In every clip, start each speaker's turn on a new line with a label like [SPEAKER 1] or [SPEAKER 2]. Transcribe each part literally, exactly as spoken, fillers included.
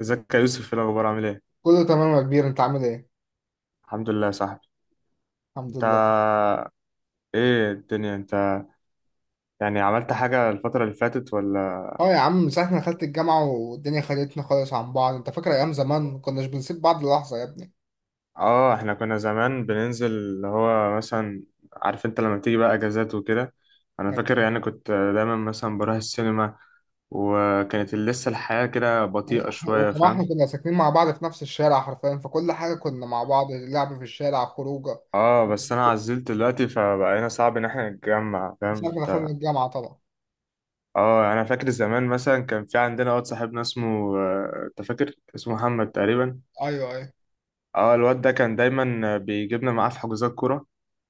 [SPEAKER 1] ازيك يا يوسف، ايه الاخبار؟ عامل ايه؟
[SPEAKER 2] كله تمام يا كبير، انت عامل ايه؟
[SPEAKER 1] الحمد لله يا صاحبي.
[SPEAKER 2] الحمد
[SPEAKER 1] انت،
[SPEAKER 2] لله.
[SPEAKER 1] ايه الدنيا انت؟ يعني عملت حاجه الفتره اللي فاتت ولا؟
[SPEAKER 2] اه يا عم، من ساعه ما دخلت الجامعه والدنيا خدتنا خالص عن بعض. انت فاكر ايام زمان ما كناش بنسيب بعض لحظه يا ابني.
[SPEAKER 1] اه، احنا كنا زمان بننزل اللي هو مثلا، عارف انت لما تيجي بقى اجازات وكده. انا فاكر
[SPEAKER 2] يعني-
[SPEAKER 1] يعني كنت دايما مثلا بروح السينما، وكانت لسه الحياه كده بطيئه شويه،
[SPEAKER 2] وكمان احنا
[SPEAKER 1] فاهم؟
[SPEAKER 2] كنا ساكنين مع بعض في نفس الشارع حرفيا، فكل حاجه كنا مع بعض، لعب في الشارع، خروجه،
[SPEAKER 1] اه بس انا عزلت دلوقتي، فبقينا صعب ان احنا نتجمع،
[SPEAKER 2] من
[SPEAKER 1] فاهم
[SPEAKER 2] ساعه ما
[SPEAKER 1] انت؟
[SPEAKER 2] دخلنا الجامعه طبعا.
[SPEAKER 1] اه انا فاكر زمان مثلا كان في عندنا واد صاحبنا اسمه آه، انت فاكر اسمه محمد تقريبا.
[SPEAKER 2] ايوه ايوه.
[SPEAKER 1] اه الواد ده كان دايما بيجيبنا معاه في حجوزات كورة.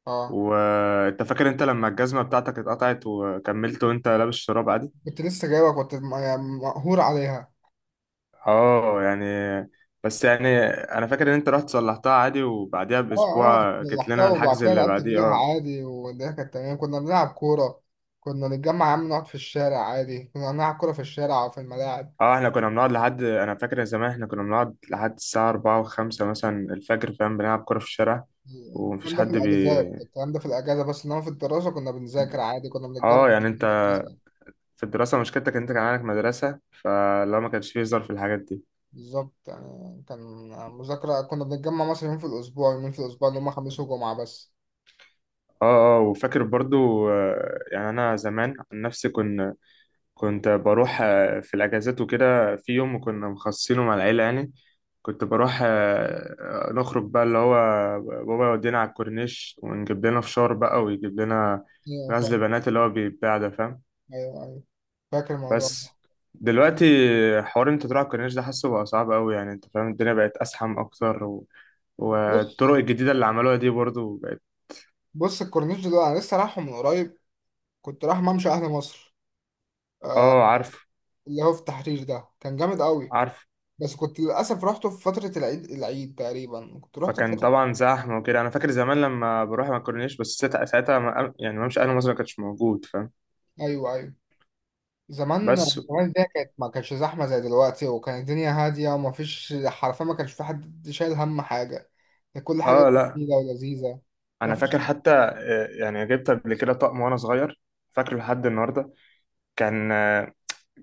[SPEAKER 2] اه
[SPEAKER 1] وانت فاكر انت لما الجزمة بتاعتك اتقطعت وكملت وانت لابس شراب عادي؟
[SPEAKER 2] كنت لسه جايبك، كنت م- يعني مقهور عليها.
[SPEAKER 1] اه يعني، بس يعني انا فاكر ان انت رحت صلحتها عادي، وبعديها
[SPEAKER 2] اه اه،
[SPEAKER 1] باسبوع جيت
[SPEAKER 2] لحظتها
[SPEAKER 1] لنا
[SPEAKER 2] وبعد
[SPEAKER 1] الحجز
[SPEAKER 2] كده
[SPEAKER 1] اللي
[SPEAKER 2] لعبت
[SPEAKER 1] بعديه.
[SPEAKER 2] فيها
[SPEAKER 1] اه،
[SPEAKER 2] عادي والدنيا كانت تمام، كنا بنلعب كوره. كنا نتجمع يا عم، نقعد في الشارع عادي، كنا نلعب كوره في الشارع وفي الملاعب.
[SPEAKER 1] اه احنا كنا بنقعد لحد، انا فاكر زمان احنا كنا بنقعد لحد الساعة أربعة وخمسة مثلا الفجر، فاهم؟ بنلعب كورة في الشارع. ومفيش
[SPEAKER 2] الكلام ده في
[SPEAKER 1] حد
[SPEAKER 2] الاجازات،
[SPEAKER 1] بي
[SPEAKER 2] الكلام ده في الاجازه بس. انما في الدراسه كنا بنذاكر عادي، كنا بنتجمع
[SPEAKER 1] اه
[SPEAKER 2] في
[SPEAKER 1] يعني انت،
[SPEAKER 2] الدراسة.
[SPEAKER 1] في الدراسة مشكلتك ان انت كان عندك مدرسة، فلو ما كانش فيه هزار في الحاجات دي.
[SPEAKER 2] بالظبط يعني كان مذاكره، كنا بنتجمع مثلا يوم في الاسبوع، يومين في الاسبوع، اللي هم خميس وجمعه بس.
[SPEAKER 1] اه اه، وفاكر برضو آه، يعني انا زمان عن نفسي كنت، كنت بروح آه، في الاجازات وكده. في يوم كنا مخصصينه مع العيله يعني، كنت بروح آه، آه، نخرج بقى اللي هو بابا يودينا على الكورنيش ونجيب لنا فشار بقى، ويجيب لنا
[SPEAKER 2] ايوه
[SPEAKER 1] غزل
[SPEAKER 2] فاهم.
[SPEAKER 1] بنات اللي هو بيتباع ده، فاهم؟
[SPEAKER 2] ايوه ايوه، فاكر الموضوع ده.
[SPEAKER 1] بس دلوقتي، حوار انت تروح على الكورنيش ده حاسه بقى صعب قوي، يعني انت فاهم الدنيا بقت ازحم اكتر و...
[SPEAKER 2] بص،
[SPEAKER 1] والطرق الجديده اللي عملوها دي برضو بقت.
[SPEAKER 2] بص الكورنيش ده انا لسه رايحه من قريب، كنت رايح ممشى اهل مصر. آه،
[SPEAKER 1] اه عارف،
[SPEAKER 2] اللي هو في التحرير ده، كان جامد قوي.
[SPEAKER 1] عارف.
[SPEAKER 2] بس كنت للاسف رحته في فتره العيد، العيد تقريبا كنت رحت في
[SPEAKER 1] فكان
[SPEAKER 2] فتره.
[SPEAKER 1] طبعا زحمه وكده. انا فاكر زمان لما بروح ما كورنيش، بس ساعتها ساعتها ما- يعني ممشي اهل مصر ما كانش موجود، فاهم؟
[SPEAKER 2] ايوه ايوه. زمان،
[SPEAKER 1] بس،
[SPEAKER 2] زمان الدنيا كانت ما كانتش زحمة زي دلوقتي، وكانت الدنيا هادية، وما فيش حرفيا، ما كانش في حد شايل هم حاجة، كانت كل
[SPEAKER 1] اه
[SPEAKER 2] حاجة
[SPEAKER 1] لا،
[SPEAKER 2] جميلة ولذيذة. ما
[SPEAKER 1] انا فاكر
[SPEAKER 2] فيش.
[SPEAKER 1] حتى آه، يعني جبت قبل كده طقم وانا صغير، فاكره لحد النهارده. كان آه،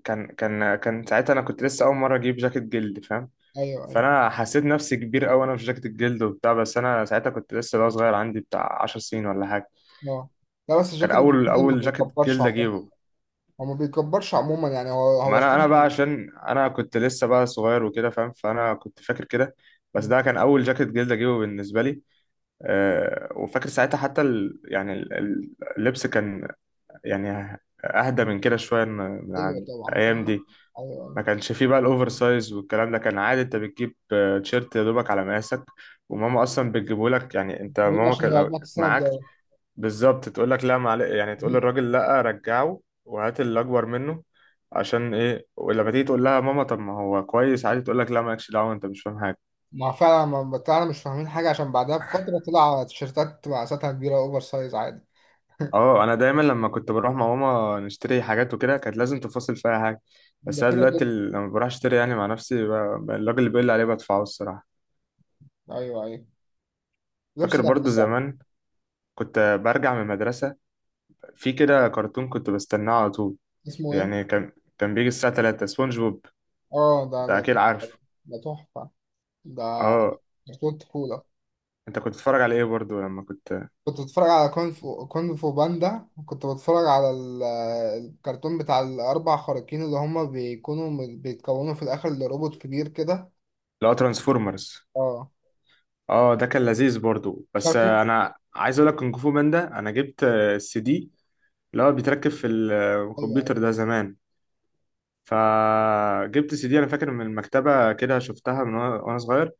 [SPEAKER 1] كان كان آه، كان ساعتها انا كنت لسه اول مره اجيب جاكيت جلد، فاهم؟
[SPEAKER 2] أيوه أيوه.
[SPEAKER 1] فانا حسيت نفسي كبير قوي وانا في جاكيت الجلد وبتاع، بس انا ساعتها كنت لسه بقى صغير، عندي بتاع 10 سنين ولا حاجه.
[SPEAKER 2] أه، لا بس
[SPEAKER 1] كان
[SPEAKER 2] الجاكيت
[SPEAKER 1] اول
[SPEAKER 2] الجديد ما
[SPEAKER 1] اول جاكيت
[SPEAKER 2] بيكبرش
[SPEAKER 1] جلد
[SPEAKER 2] عموما.
[SPEAKER 1] اجيبه.
[SPEAKER 2] هو ما بيكبرش عموما، يعني هو
[SPEAKER 1] ما
[SPEAKER 2] هو
[SPEAKER 1] انا
[SPEAKER 2] الصح.
[SPEAKER 1] انا بقى عشان انا كنت لسه بقى صغير وكده، فاهم؟ فانا كنت فاكر كده، بس ده كان اول جاكيت جلد اجيبه بالنسبه لي. أه وفاكر ساعتها حتى ال، يعني ال- ال- اللبس كان يعني اهدى من كده شويه، من من
[SPEAKER 2] أيوه
[SPEAKER 1] عن
[SPEAKER 2] طبعا
[SPEAKER 1] الايام
[SPEAKER 2] طبعا.
[SPEAKER 1] دي.
[SPEAKER 2] أيوه أيوه.
[SPEAKER 1] ما كانش فيه بقى الاوفر سايز والكلام ده. كان عادي انت بتجيب آه، تيشيرت يا دوبك على مقاسك، وماما اصلا بتجيبه لك يعني. انت
[SPEAKER 2] بيقولوا
[SPEAKER 1] ماما
[SPEAKER 2] عشان
[SPEAKER 1] كان لو
[SPEAKER 2] يقعدوك
[SPEAKER 1] كانت
[SPEAKER 2] السنة
[SPEAKER 1] معاك،
[SPEAKER 2] الجاية.
[SPEAKER 1] بالظبط تقول لك لا معلش، يعني تقول للراجل لا رجعه وهات اللي اكبر منه. عشان ايه ولما تيجي تقول لها ماما طب ما هو كويس عادي، تقول لك لا مالكش دعوه انت مش فاهم حاجه.
[SPEAKER 2] ما فعلا، ما بتاعنا مش فاهمين حاجة، عشان بعدها بفترة طلع تيشيرتات مقاساتها كبيرة، أوفر سايز عادي.
[SPEAKER 1] اه انا دايما لما كنت بروح مع ماما نشتري حاجات وكده كانت لازم تفاصل فيها حاجه. بس
[SPEAKER 2] ده
[SPEAKER 1] انا
[SPEAKER 2] كده
[SPEAKER 1] دلوقتي
[SPEAKER 2] كده.
[SPEAKER 1] ال- لما بروح اشتري يعني مع نفسي ب- ب- الراجل اللي بيقول لي عليه بدفعه، الصراحه.
[SPEAKER 2] أيوه أيوه. لبس
[SPEAKER 1] فاكر
[SPEAKER 2] بقى.
[SPEAKER 1] برضو زمان كنت برجع من المدرسه، في كده كرتون كنت بستناه على طول.
[SPEAKER 2] اسمه إيه؟
[SPEAKER 1] يعني كان كان بيجي الساعه تلاتة سبونج بوب،
[SPEAKER 2] اه، ده
[SPEAKER 1] انت
[SPEAKER 2] ده
[SPEAKER 1] اكيد عارف.
[SPEAKER 2] ده تحفة، ده
[SPEAKER 1] اه،
[SPEAKER 2] كرتون طفولة.
[SPEAKER 1] انت كنت بتتفرج على ايه برضو لما كنت؟
[SPEAKER 2] كنت بتفرج على كونغ فو، كونغ فو باندا. كنت بتفرج على ال- الكرتون بتاع الأربع خارقين، اللي هما بيكونوا م- بيتكونوا في الآخر لروبوت كبير كده.
[SPEAKER 1] لا، ترانسفورمرز،
[SPEAKER 2] اه
[SPEAKER 1] اه ده كان لذيذ برضو. بس
[SPEAKER 2] كرتون.
[SPEAKER 1] آه، انا عايز اقول لك كونغ فو باندا، انا جبت السي دي اللي هو بيتركب في ال- آه،
[SPEAKER 2] أيوه أيوه.
[SPEAKER 1] الكمبيوتر ده زمان. فجبت سي دي انا فاكر من المكتبه كده، شفتها من وانا وأنا صغير،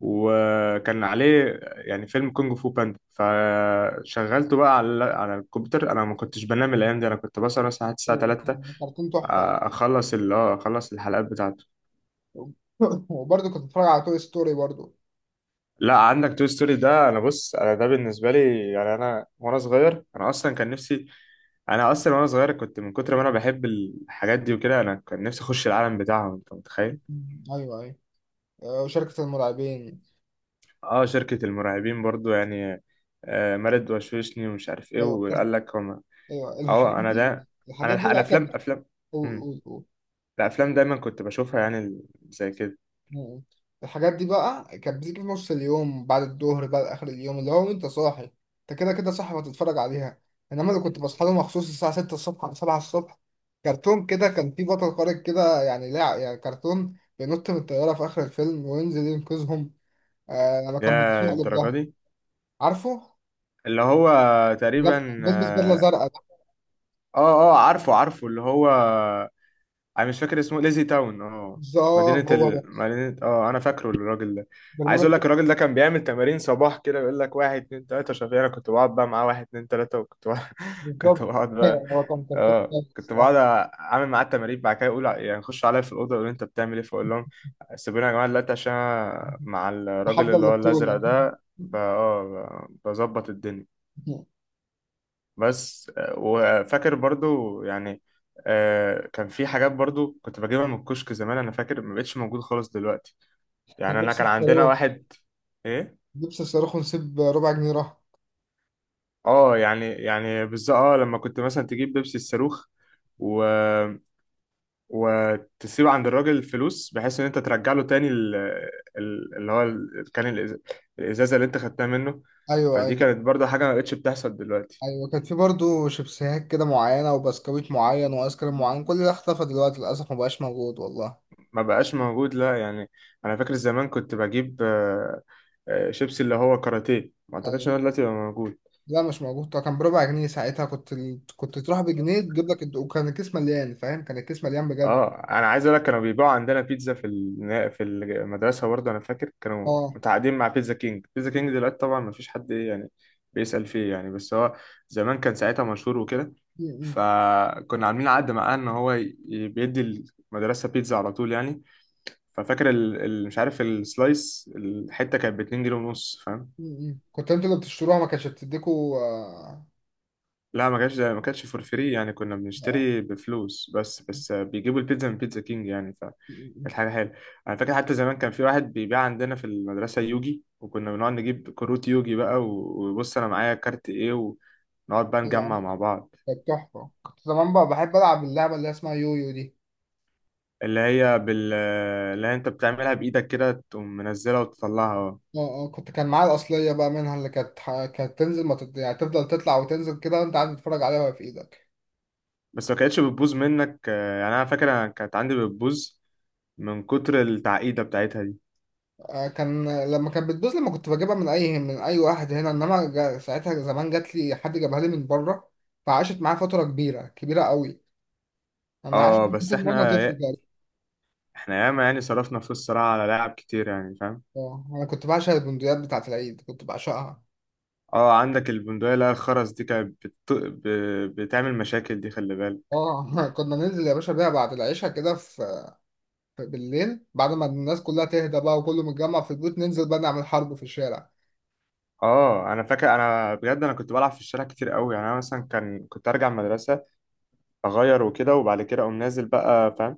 [SPEAKER 1] وكان عليه يعني فيلم كونغ فو باندا، فشغلته بقى على على الكمبيوتر. انا ما كنتش بنام الايام دي، انا كنت بسهر مثلا لحد الساعه
[SPEAKER 2] أيوه
[SPEAKER 1] ثلاثة
[SPEAKER 2] كان كرتون تحفة.
[SPEAKER 1] اخلص اللي هو اخلص الحلقات بتاعته.
[SPEAKER 2] وبرضه كنت بتفرج على توي ستوري برضه.
[SPEAKER 1] لا، عندك توي ستوري ده، انا بص، انا ده بالنسبه لي يعني، انا وانا صغير انا اصلا كان نفسي، انا اصلا وانا صغير كنت من كتر ما انا بحب الحاجات دي وكده انا كان نفسي اخش العالم بتاعهم، انت متخيل؟
[SPEAKER 2] أيوه أيوه. آه، وشركة المرعبين.
[SPEAKER 1] اه شركه المرعبين برضو يعني، آه مارد وشوشني ومش عارف ايه
[SPEAKER 2] أيوه كرت...
[SPEAKER 1] وقال لك هم.
[SPEAKER 2] أيوه، الحاجات
[SPEAKER 1] اه انا
[SPEAKER 2] دي،
[SPEAKER 1] ده، انا
[SPEAKER 2] الحاجات
[SPEAKER 1] الح-
[SPEAKER 2] دي بقى
[SPEAKER 1] الافلام،
[SPEAKER 2] كانت.
[SPEAKER 1] افلام
[SPEAKER 2] قول
[SPEAKER 1] امم
[SPEAKER 2] قول قول.
[SPEAKER 1] الافلام دايما كنت بشوفها، يعني ال- زي كده،
[SPEAKER 2] مم. الحاجات دي بقى كانت بتيجي في نص اليوم، بعد الظهر بقى، آخر اليوم، اللي هو أنت صاحي، أنت كده كده صاحي وهتتفرج عليها. إنما اللي كنت بصحى له مخصوص، الساعة ستة الصبح أو سبعة الصبح، كرتون كده كان في بطل خارق كده. يعني لا، يعني كرتون بينط من الطيارة في آخر الفيلم وينزل ينقذهم. آه، لما كان بيتشقلب
[SPEAKER 1] يا
[SPEAKER 2] على
[SPEAKER 1] الدرجه
[SPEAKER 2] ده،
[SPEAKER 1] دي،
[SPEAKER 2] عارفه؟
[SPEAKER 1] اللي هو
[SPEAKER 2] لا،
[SPEAKER 1] تقريبا.
[SPEAKER 2] بيلبس بدلة
[SPEAKER 1] اه
[SPEAKER 2] زرقاء ده.
[SPEAKER 1] اه آه، عارفه عارفه اللي هو، انا مش فاكر اسمه، ليزي تاون اه.
[SPEAKER 2] بالظبط
[SPEAKER 1] مدينة
[SPEAKER 2] هو ده.
[SPEAKER 1] ال... مدينة، اه انا فاكره الراجل ده. عايز
[SPEAKER 2] برنامج
[SPEAKER 1] اقول
[SPEAKER 2] إيه؟
[SPEAKER 1] لك الراجل ده كان بيعمل تمارين صباح كده، يقول لك واحد اتنين تلاتة، شافيه انا كنت بقعد بقى معاه، واحد اتنين تلاتة، وكنت بقعد... كنت
[SPEAKER 2] بالظبط.
[SPEAKER 1] بقعد بقى،
[SPEAKER 2] هو كان كرتون
[SPEAKER 1] اه
[SPEAKER 2] كويس
[SPEAKER 1] كنت بقعد
[SPEAKER 2] الصراحة.
[SPEAKER 1] اعمل معاه التمارين، بعد كده يقول يعني، يخش عليا في الاوضه يقول انت بتعمل ايه، فاقول لهم سيبوني يا جماعه دلوقتي عشان أنا مع الراجل
[SPEAKER 2] تحدى
[SPEAKER 1] اللي هو الازرق
[SPEAKER 2] البطولة.
[SPEAKER 1] ده ب- اه ب- بظبط الدنيا. بس آه، وفاكر برضو يعني آه، كان في حاجات برضو كنت بجيبها من الكشك زمان، انا فاكر ما بقتش موجود خالص دلوقتي. يعني انا
[SPEAKER 2] لبس
[SPEAKER 1] كان عندنا
[SPEAKER 2] الصاروخ.
[SPEAKER 1] واحد، ايه؟
[SPEAKER 2] بيبسي الصاروخ، ونسيب ربع جنيه راح.
[SPEAKER 1] اه يعني يعني بالظبط، اه لما كنت مثلا تجيب بيبسي الصاروخ و... وتسيب عند الراجل الفلوس، بحيث ان انت ترجع له تاني ال... ال- اللي هو ال... كان الإز... الازازه اللي انت خدتها منه.
[SPEAKER 2] ايوه
[SPEAKER 1] فدي
[SPEAKER 2] ايوه.
[SPEAKER 1] كانت برضو حاجه ما بقتش بتحصل دلوقتي،
[SPEAKER 2] ايوه كان في برضه شيبسيهات كده معينه، وبسكويت معين، وايس كريم معين، كل ده اختفى دلوقتي للاسف، مبقاش موجود والله.
[SPEAKER 1] ما بقاش موجود، لا يعني. انا فاكر زمان كنت بجيب آه، آه، شيبسي اللي هو كاراتيه، ما اعتقدش
[SPEAKER 2] ايوه.
[SPEAKER 1] ان هو دلوقتي بقى موجود.
[SPEAKER 2] لا مش موجود طبعا، كان بربع جنيه ساعتها، كنت ال... كنت تروح بجنيه تجيب لك الد- وكان الكيس مليان فاهم، كان الكيس مليان بجد.
[SPEAKER 1] اه انا عايز اقول لك كانوا بيبيعوا عندنا بيتزا في النا- في المدرسه برضه. انا فاكر كانوا
[SPEAKER 2] اه.
[SPEAKER 1] متعاقدين مع بيتزا كينج. بيتزا كينج دلوقتي طبعا ما فيش حد، ايه يعني، بيسأل فيه يعني، بس هو زمان كان ساعتها مشهور وكده.
[SPEAKER 2] م- م-
[SPEAKER 1] فكنا عاملين عقد معاه ان هو ي- بيدي المدرسه بيتزا على طول يعني. ففاكر ال... ال... مش عارف السلايس، الحته كانت ب اتنين جنيه ونص.
[SPEAKER 2] م- م. كنت انتوا اللي بتشتروها ما كانتش بتديكوا. اه
[SPEAKER 1] لا ما كانش، ما كانتش فور فري يعني. كنا
[SPEAKER 2] اه.
[SPEAKER 1] بنشتري بفلوس، بس بس بيجيبوا البيتزا من بيتزا كينج يعني،
[SPEAKER 2] م- م-
[SPEAKER 1] فكانت حاجة حلوة. أنا فاكر حتى زمان كان في واحد بيبيع عندنا في المدرسة يوجي، وكنا بنقعد نجيب كروت يوجي بقى، و- وبص أنا معايا كارت إيه، ونقعد بقى
[SPEAKER 2] م.
[SPEAKER 1] نجمع
[SPEAKER 2] يعني
[SPEAKER 1] مع بعض.
[SPEAKER 2] كانت تحفه، كنت زمان بقى بحب العب اللعبه اللي اسمها يويو دي.
[SPEAKER 1] اللي هي بال اللي هي أنت بتعملها بإيدك كده، تقوم منزلها وتطلعها. آه.
[SPEAKER 2] اه اه، كنت كان معايا الأصلية بقى منها، اللي كانت ح- كانت تنزل ما تط... يعني تفضل تطلع وتنزل كده وانت قاعد تتفرج عليها وهي في ايدك.
[SPEAKER 1] بس ما كانتش بتبوظ منك، يعني أنا فاكر أنا كانت عندي بتبوظ من كتر التعقيدة بتاعتها دي.
[SPEAKER 2] آه كان، لما كانت بتبوظ لما كنت بجيبها من اي من اي واحد هنا، انما جا... ساعتها زمان جات لي، حد جابها لي من بره، فعاشت معايا فترة كبيرة كبيرة قوي، انا عاشت
[SPEAKER 1] اه بس
[SPEAKER 2] فترة وانا
[SPEAKER 1] احنا،
[SPEAKER 2] طفل كده.
[SPEAKER 1] احنا ياما يعني صرفنا فلوس صراحة على لاعب كتير، يعني فاهم؟
[SPEAKER 2] اه انا كنت بعشق البندقيات بتاعت العيد، كنت بعشقها.
[SPEAKER 1] اه عندك البندقية اللي هي الخرز دي كانت بت... ب... بتعمل مشاكل دي، خلي بالك.
[SPEAKER 2] اه. كنا ننزل يا باشا بيها بعد العشاء كده، في في بالليل، بعد ما الناس كلها تهدى بقى وكله متجمع في البيوت، ننزل بقى نعمل حرب في الشارع.
[SPEAKER 1] اه انا فاكر انا بجد انا كنت بلعب في الشارع كتير قوي، يعني انا مثلا كان كنت ارجع من المدرسة، اغير وكده وبعد كده اقوم نازل بقى، فاهم؟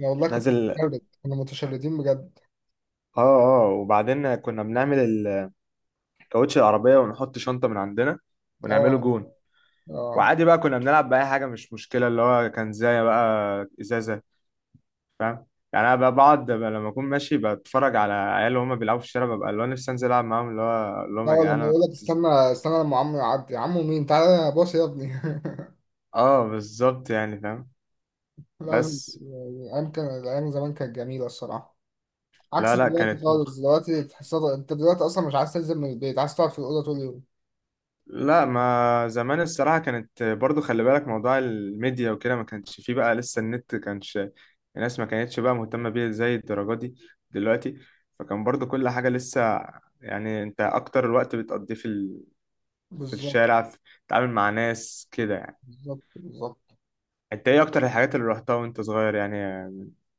[SPEAKER 2] أنا والله كنت
[SPEAKER 1] نازل، اه
[SPEAKER 2] متشرد، كنا متشردين بجد.
[SPEAKER 1] اه وبعدين كنا بنعمل ال- كاوتش العربية، ونحط شنطة من عندنا ونعمله
[SPEAKER 2] اه
[SPEAKER 1] جون،
[SPEAKER 2] اه.
[SPEAKER 1] وعادي بقى كنا بنلعب بأي حاجة، مش مشكلة اللي هو كان زي بقى ازازة، فاهم؟ يعني انا ب- بقعد ب- لما اكون ماشي بتفرج على عيال وهم بيلعبوا في الشارع، ببقى اللي هو نفسي انزل العب معاهم، اللي هو اقول لهم
[SPEAKER 2] لا،
[SPEAKER 1] يا
[SPEAKER 2] ولا
[SPEAKER 1] جدعان
[SPEAKER 2] لما
[SPEAKER 1] انا
[SPEAKER 2] يقول لك
[SPEAKER 1] كنت ز-
[SPEAKER 2] استنى استنى لما عمو يعدي، عمو مين، تعالى يا باص يا ابني.
[SPEAKER 1] اه بالظبط يعني فاهم.
[SPEAKER 2] لازم
[SPEAKER 1] بس
[SPEAKER 2] الايام، كان الايام زمان كانت جميله الصراحه، عكس
[SPEAKER 1] لا لا،
[SPEAKER 2] دلوقتي
[SPEAKER 1] كانت
[SPEAKER 2] خالص.
[SPEAKER 1] مخ
[SPEAKER 2] دلوقتي تحسها، انت دلوقتي اصلا مش عايز تنزل من البيت، عايز تقعد في الاوضه طول اليوم.
[SPEAKER 1] لا ما زمان الصراحة كانت برضو، خلي بالك موضوع الميديا وكده ما كانش فيه بقى، لسه النت كانش الناس ما كانتش بقى مهتمة بيه زي الدرجة دي دلوقتي. فكان برضو كل حاجة لسه يعني، انت اكتر الوقت بتقضيه في ال... في
[SPEAKER 2] بالظبط
[SPEAKER 1] الشارع، في... تتعامل مع ناس كده يعني.
[SPEAKER 2] بالظبط. بالظبط.
[SPEAKER 1] انت ايه اكتر الحاجات اللي رحتها وانت صغير يعني؟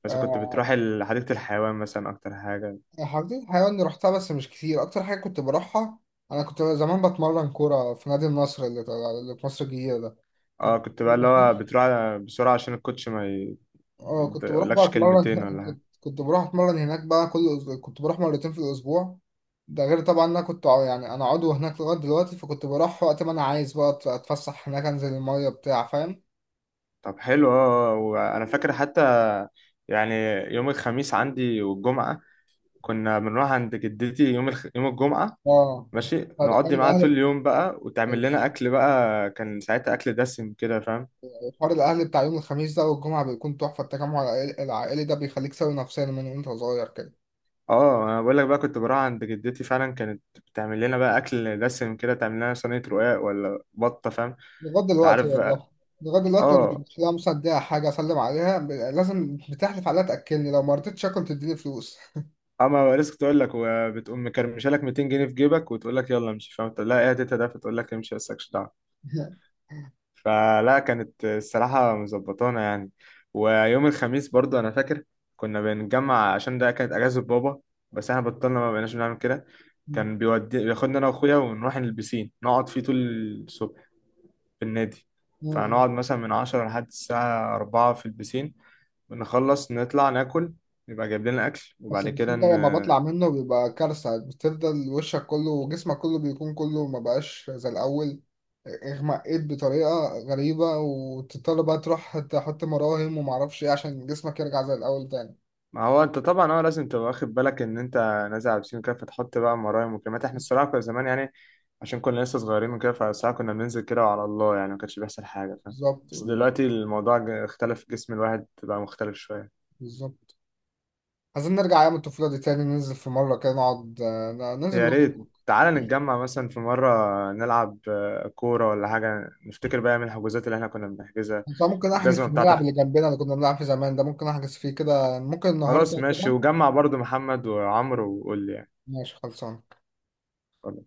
[SPEAKER 1] مثلا كنت بتروح
[SPEAKER 2] آه،
[SPEAKER 1] ال- حديقة الحيوان مثلا اكتر حاجة؟
[SPEAKER 2] حديقة الحيوان اللي رحتها بس مش كتير، اكتر حاجه كنت بروحها، انا كنت زمان بتمرن كوره في نادي النصر، اللي اللي في مصر الجديده ده.
[SPEAKER 1] اه
[SPEAKER 2] كنت
[SPEAKER 1] كنت بقى اللي هو بتروح بسرعة عشان الكوتش ما ي-
[SPEAKER 2] اه،
[SPEAKER 1] ما
[SPEAKER 2] كنت بروح بقى
[SPEAKER 1] يقولكش
[SPEAKER 2] اتمرن.
[SPEAKER 1] كلمتين ولا
[SPEAKER 2] كنت
[SPEAKER 1] حاجة.
[SPEAKER 2] كنت بروح اتمرن هناك بقى كل أسبوع، كنت بروح مرتين في الاسبوع. ده غير طبعا إن انا كنت ع- يعني انا عضو هناك لغايه دلوقتي، فكنت بروح وقت ما انا عايز بقى أت- اتفسح هناك، انزل الميه بتاع فاهم.
[SPEAKER 1] طب حلو اه اه. آه. وانا فاكر حتى يعني يوم الخميس عندي والجمعة، كنا بنروح عند جدتي يوم الخ... يوم الجمعة،
[SPEAKER 2] اه،
[SPEAKER 1] ماشي،
[SPEAKER 2] فده حوار
[SPEAKER 1] نقضي معاها طول
[SPEAKER 2] الاهل،
[SPEAKER 1] اليوم بقى، وتعمل لنا اكل بقى، كان ساعتها اكل دسم كده فاهم.
[SPEAKER 2] حوار الاهل بتاع يوم الخميس ده والجمعه بيكون تحفه، التجمع العائل- العائلي ده بيخليك سوي نفسيا من وانت صغير كده.
[SPEAKER 1] اه انا بقول لك بقى كنت بروح عند جدتي فعلا، كانت بتعمل لنا بقى اكل دسم كده، تعمل لنا صينيه رقاق ولا بطه، فاهم؟
[SPEAKER 2] لغايه
[SPEAKER 1] انت
[SPEAKER 2] دلوقتي
[SPEAKER 1] عارف بقى.
[SPEAKER 2] والله، لغايه دلوقتي لما
[SPEAKER 1] اه،
[SPEAKER 2] بمشي لها مثلا اديها حاجه، اسلم عليها، ب- لازم بتحلف عليها تاكلني، لو ما رضيتش اكل تديني فلوس.
[SPEAKER 1] اما لسه كنت اقول لك، وبتقوم مكرمشه لك ميتين جنيه في جيبك وتقول لك يلا امشي، فاهم؟ تقول لها ايه يا تيتا ده، فتقول لك امشي بس مالكش دعوه. فلا كانت الصراحه مظبطانا يعني. ويوم الخميس برضو انا فاكر كنا بنتجمع عشان ده كانت اجازه بابا، بس احنا بطلنا ما بقيناش بنعمل كده. كان بيودي بياخدنا انا واخويا ونروح البسين، نقعد فيه طول الصبح في النادي.
[SPEAKER 2] مم.
[SPEAKER 1] فهنقعد مثلا من عشرة لحد الساعة أربعة في البسين، بنخلص نطلع ناكل، يبقى جايب لنا أكل،
[SPEAKER 2] بس
[SPEAKER 1] وبعد كده
[SPEAKER 2] البسين ده
[SPEAKER 1] ن...
[SPEAKER 2] لما بطلع منه بيبقى كارثة، بتفضل وشك كله وجسمك كله بيكون كله ما بقاش زي الأول، اغمقيت بطريقة غريبة، وتضطر بقى تروح تحط مراهم ومعرفش ايه عشان جسمك يرجع زي الأول تاني.
[SPEAKER 1] ما هو أنت طبعا هو لازم تبقى واخد بالك إن أنت نازل على البسين كده، فتحط بقى مرايم وكلمات. إحنا الصراحة كنا زمان يعني عشان كنا لسه صغيرين وكده، فالساعة كنا بننزل كده وعلى الله يعني، ما كانش بيحصل حاجة فاهم.
[SPEAKER 2] بالظبط
[SPEAKER 1] بس
[SPEAKER 2] بالظبط.
[SPEAKER 1] دلوقتي الموضوع ج- اختلف، جسم الواحد بقى مختلف شوية.
[SPEAKER 2] بالظبط. عايزين نرجع أيام الطفولة دي تاني، ننزل في مرة كده نقعد، آه، ننزل
[SPEAKER 1] يا ريت
[SPEAKER 2] نخرج.
[SPEAKER 1] تعالى نتجمع مثلا في مرة، نلعب آه، كورة ولا حاجة، نفتكر بقى من الحجوزات اللي احنا كنا بنحجزها.
[SPEAKER 2] بس أنا ممكن أحجز في
[SPEAKER 1] الجزمة
[SPEAKER 2] الملعب
[SPEAKER 1] بتاعتك!
[SPEAKER 2] اللي جنبنا اللي كنا بنلعب فيه زمان ده، ممكن أحجز فيه كده ممكن النهاردة
[SPEAKER 1] خلاص ماشي،
[SPEAKER 2] كده.
[SPEAKER 1] وجمع برضو محمد وعمرو وقول لي
[SPEAKER 2] ماشي خلصان.
[SPEAKER 1] يعني.